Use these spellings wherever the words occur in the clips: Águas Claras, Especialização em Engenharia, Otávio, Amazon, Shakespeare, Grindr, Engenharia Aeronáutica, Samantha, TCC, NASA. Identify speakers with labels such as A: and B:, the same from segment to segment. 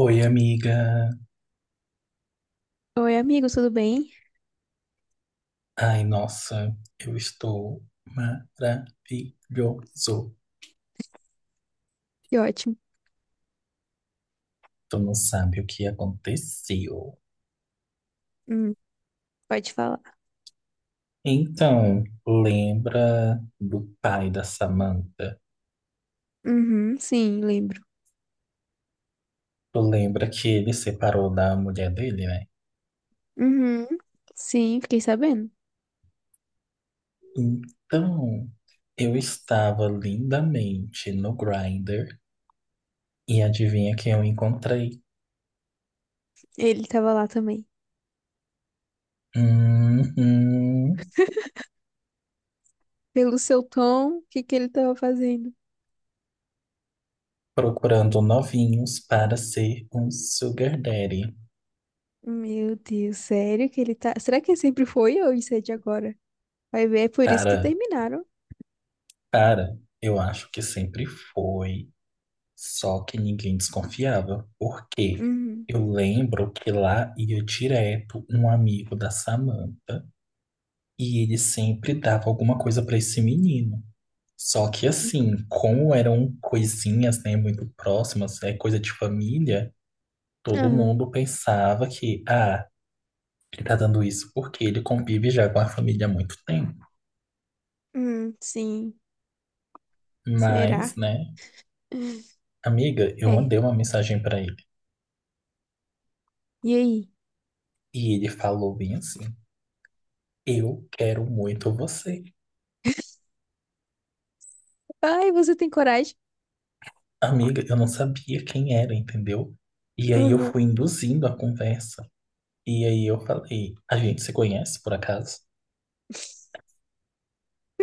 A: Oi, amiga.
B: Oi, amigo, tudo bem?
A: Ai, nossa, eu estou maravilhoso.
B: Que ótimo.
A: Tu não sabe o que aconteceu.
B: Hum, pode falar.
A: Então, lembra do pai da Samantha?
B: Uhum, sim, lembro.
A: Tu lembra que ele separou da mulher dele, né?
B: Uhum, sim, fiquei sabendo.
A: Então, eu estava lindamente no Grindr e adivinha quem eu encontrei?
B: Ele tava lá também.
A: Uhum,
B: Pelo seu tom, o que que ele tava fazendo?
A: procurando novinhos para ser um sugar daddy.
B: Meu Deus, sério que ele tá. Será que ele sempre foi ou isso é de agora? Vai ver, é por isso que
A: Cara,
B: terminaram.
A: Cara, eu acho que sempre foi, só que ninguém desconfiava. Por quê?
B: Uhum.
A: Eu lembro que lá ia direto um amigo da Samantha e ele sempre dava alguma coisa pra esse menino. Só que
B: Hum.
A: assim, como eram coisinhas, né, muito próximas, é coisa de família, todo
B: Aham.
A: mundo pensava que, ah, ele tá dando isso porque ele convive já com a família há muito tempo.
B: Sim.
A: Mas,
B: Será?
A: né,
B: Hum.
A: amiga, eu
B: É.
A: mandei uma mensagem pra ele.
B: E aí?
A: E ele falou bem assim. Eu quero muito você.
B: Ai, você tem coragem?
A: Amiga, eu não sabia quem era, entendeu? E aí eu
B: Aham.
A: fui induzindo a conversa. E aí eu falei, a gente se conhece por acaso?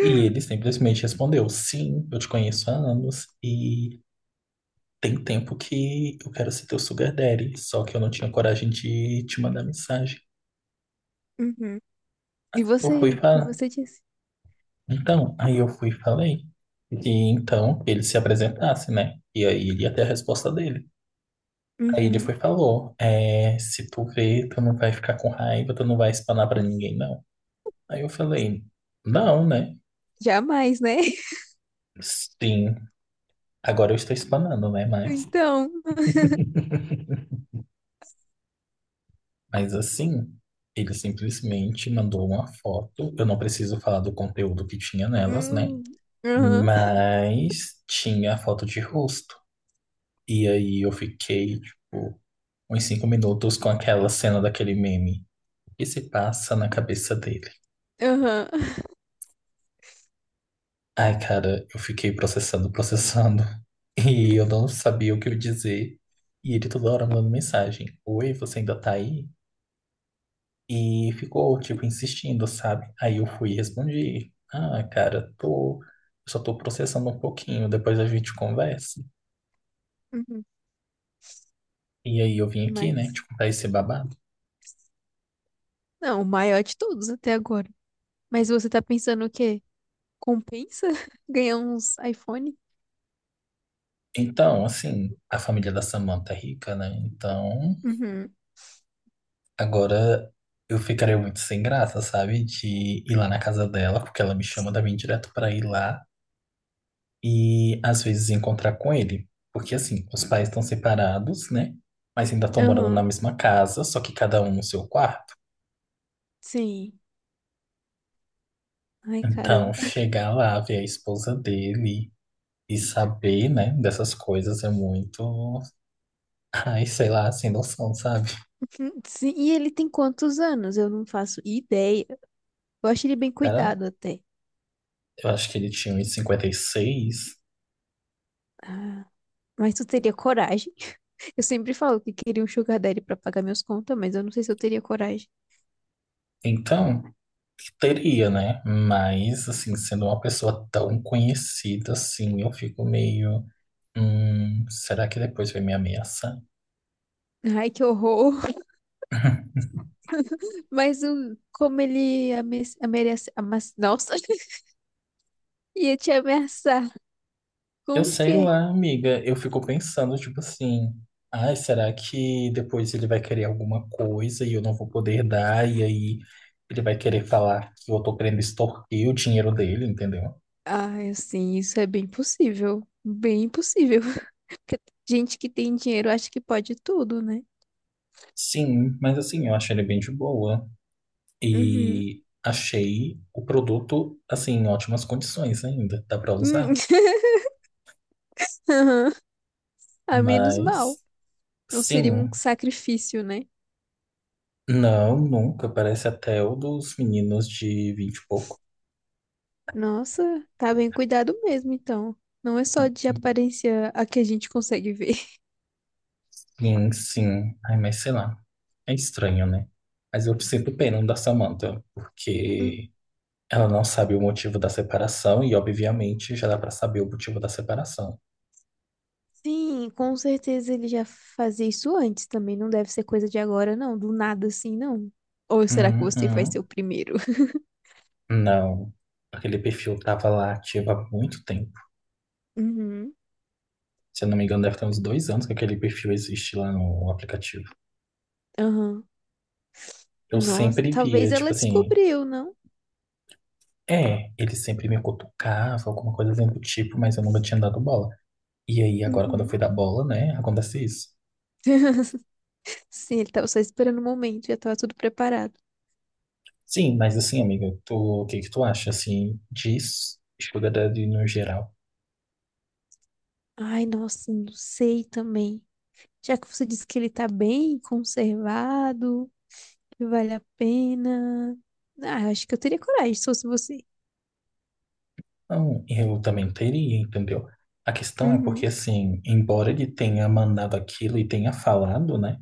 A: E ele simplesmente respondeu, sim, eu te conheço há anos e tem tempo que eu quero ser teu sugar daddy, só que eu não tinha coragem de te mandar mensagem.
B: Uhum. E
A: Eu
B: você,
A: fui
B: o que
A: falar.
B: você disse?
A: Então, aí eu fui e falei que então ele se apresentasse, né? E aí ele ia ter a resposta dele. Aí ele
B: Uhum.
A: foi e falou, é, se tu crer, tu não vai ficar com raiva, tu não vai espanar pra ninguém, não. Aí eu falei, não, né?
B: Jamais, né?
A: Sim, agora eu estou espanando, né? Mas,
B: Então.
A: mas assim, ele simplesmente mandou uma foto, eu não preciso falar do conteúdo que tinha nelas, né?
B: Hum. Aham,
A: Mas tinha a foto de rosto. E aí eu fiquei, tipo, uns 5 minutos com aquela cena daquele meme. O que se passa na cabeça dele?
B: aham.
A: Ai, cara, eu fiquei processando, processando. E eu não sabia o que eu dizer. E ele toda hora mandando mensagem. Oi, você ainda tá aí? E ficou, tipo, insistindo, sabe? Aí eu fui e respondi. Ah, cara, tô... Eu só tô processando um pouquinho, depois a gente conversa.
B: Uhum.
A: E aí eu vim aqui, né,
B: Mas.
A: te contar esse babado.
B: Não, o maior de todos até agora. Mas você tá pensando o quê? Compensa ganhar uns iPhone?
A: Então, assim, a família da Samantha é rica, né? Então,
B: Uhum.
A: agora eu ficaria muito sem graça, sabe? De ir lá na casa dela, porque ela me chama também direto pra ir lá. E às vezes encontrar com ele. Porque assim, os pais estão separados, né? Mas ainda estão morando na
B: Aham.
A: mesma casa, só que cada um no seu quarto.
B: Sim. Ai,
A: Então,
B: caramba.
A: chegar lá, ver a esposa dele e saber, né, dessas coisas é muito. Ai, sei lá, sem noção, sabe?
B: Sim, e ele tem quantos anos? Eu não faço ideia. Eu acho ele bem
A: Cara,
B: cuidado até.
A: eu acho que ele tinha uns 56.
B: Ah, mas tu teria coragem? Eu sempre falo que queria um sugar daddy pra pagar minhas contas, mas eu não sei se eu teria coragem.
A: Então, teria, né? Mas, assim, sendo uma pessoa tão conhecida assim, eu fico meio. Será que depois vai me ameaçar?
B: Ai, que horror. Mas o, como ele ame, amerece amas- nossa, ia te ameaçar
A: Eu
B: com o
A: sei
B: quê?
A: lá, amiga. Eu fico pensando, tipo assim, ai, será que depois ele vai querer alguma coisa e eu não vou poder dar? E aí ele vai querer falar que eu tô querendo extorquir o dinheiro dele, entendeu?
B: Ai, assim, isso é bem possível. Bem possível. Porque gente que tem dinheiro acha que pode tudo, né?
A: Sim, mas assim, eu achei ele bem de boa.
B: Uhum.
A: E achei o produto, assim, em ótimas condições ainda. Dá pra
B: Hum.
A: usar?
B: Aham. A menos mal.
A: Mas,
B: Não seria um
A: sim.
B: sacrifício, né?
A: Não, nunca. Parece até o dos meninos de 20 e pouco.
B: Nossa, tá bem cuidado mesmo, então. Não é só de aparência a que a gente consegue ver.
A: Sim, sim. Ai, mas sei lá. É estranho, né? Mas eu sinto pena da Samantha, porque ela não sabe o motivo da separação e, obviamente, já dá pra saber o motivo da separação.
B: Sim, com certeza ele já fazia isso antes também. Não deve ser coisa de agora, não. Do nada assim, não. Ou será que você vai ser
A: Uhum.
B: o primeiro?
A: Não. Aquele perfil tava lá ativo há muito tempo.
B: Uhum.
A: Se eu não me engano, deve ter uns 2 anos que aquele perfil existe lá no aplicativo.
B: Aham.
A: Eu
B: Nossa,
A: sempre via,
B: talvez
A: tipo
B: ela
A: assim,
B: descobriu, não?
A: é, ele sempre me cutucava, alguma coisa assim do tipo, mas eu nunca tinha dado bola. E aí, agora, quando eu
B: Uhum.
A: fui dar bola, né, acontece isso.
B: Sim, ele tava só esperando o momento, já tava tudo preparado.
A: Sim, mas assim, amiga, tu, o que que tu acha, assim, de Sugar Daddy no geral?
B: Ai, nossa, não sei também. Já que você disse que ele tá bem conservado, que vale a pena. Ah, eu acho que eu teria coragem se fosse você.
A: Não, eu também teria, entendeu? A questão é porque,
B: Uhum.
A: assim, embora ele tenha mandado aquilo e tenha falado, né?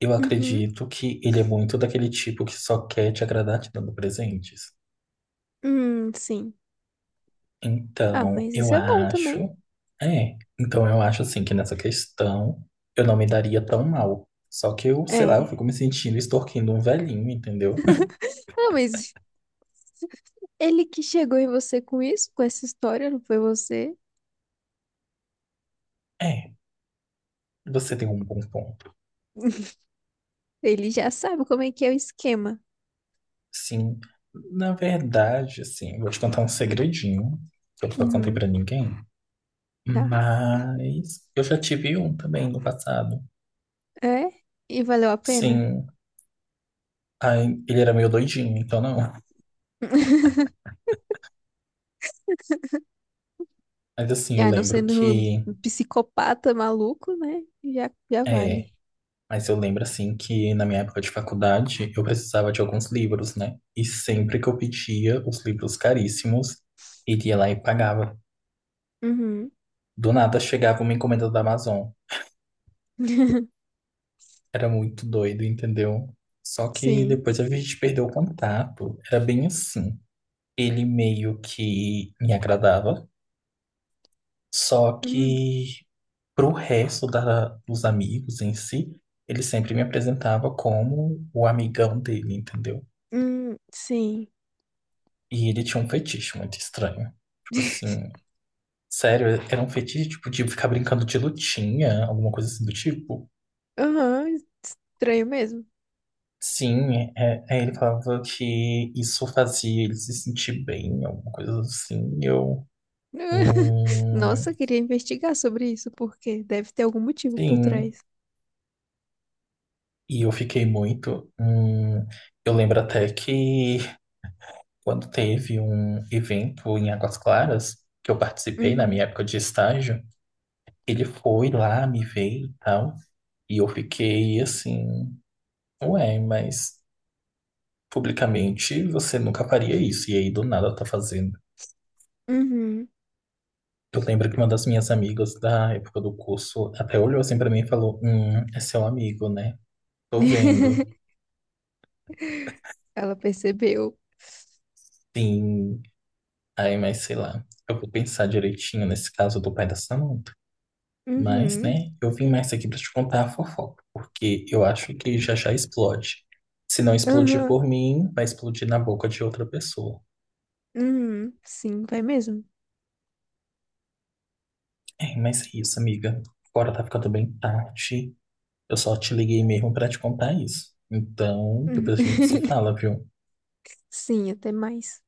A: Eu
B: Uhum.
A: acredito que ele é muito daquele tipo que só quer te agradar te dando presentes.
B: Sim. Ah,
A: Então,
B: mas
A: eu
B: isso é bom
A: acho...
B: também.
A: É, então eu acho, assim, que nessa questão eu não me daria tão mal. Só que eu, sei lá, eu
B: É.
A: fico me sentindo extorquindo um velhinho, entendeu?
B: Não, mas ele que chegou em você com isso, com essa história, não foi você?
A: É, você tem um bom ponto.
B: Ele já sabe como é que é o esquema.
A: Sim, na verdade, assim, vou te contar um segredinho que eu nunca contei
B: Uhum,
A: pra ninguém,
B: tá.
A: mas eu já tive um também no passado.
B: É? E valeu a pena?
A: Sim, aí ele era meio doidinho, então não. Mas assim, eu
B: Ah, não
A: lembro
B: sendo
A: que
B: um psicopata maluco, né? Já, já
A: é,
B: vale.
A: mas eu lembro assim que na minha época de faculdade eu precisava de alguns livros, né? E sempre que eu pedia os livros caríssimos, ele ia lá e pagava.
B: Uhum.
A: Do nada chegava uma encomenda da Amazon. Era muito doido, entendeu? Só que
B: Sim.
A: depois a gente perdeu o contato. Era bem assim. Ele meio que me agradava, só
B: Uhum.
A: que pro resto dos amigos em si, ele sempre me apresentava como o amigão dele, entendeu?
B: Sim.
A: E ele tinha um fetiche muito estranho. Tipo assim, sério, era um fetiche tipo de ficar brincando de lutinha, alguma coisa assim do tipo.
B: Aham, estranho mesmo.
A: Sim, é, ele falava que isso fazia ele se sentir bem, alguma coisa assim. E eu, hum,
B: Nossa, eu queria investigar sobre isso, porque deve ter algum motivo por
A: sim,
B: trás.
A: e eu fiquei muito. Eu lembro até que quando teve um evento em Águas Claras, que eu participei na
B: Uhum.
A: minha época de estágio, ele foi lá, me veio e tal, e eu fiquei assim, ué, mas publicamente você nunca faria isso, e aí do nada tá fazendo.
B: Uhum.
A: Eu lembro que uma das minhas amigas da época do curso até olhou assim pra mim e falou: é seu amigo, né? Tô vendo.
B: Ela percebeu.
A: Sim. Aí, mas sei lá. Eu vou pensar direitinho nesse caso do pai da Samantha. Mas,
B: Uhum.
A: né, eu vim
B: Sim.
A: mais aqui pra te contar a fofoca, porque eu acho que já já explode. Se não explodir
B: Aham.
A: por mim, vai explodir na boca de outra pessoa.
B: Uhum. Sim, vai mesmo.
A: É, mas é isso, amiga. Agora tá ficando bem tarde. Eu só te liguei mesmo pra te contar isso. Então,
B: Uhum.
A: depois a gente se fala, viu?
B: Sim, até mais.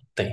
A: Até.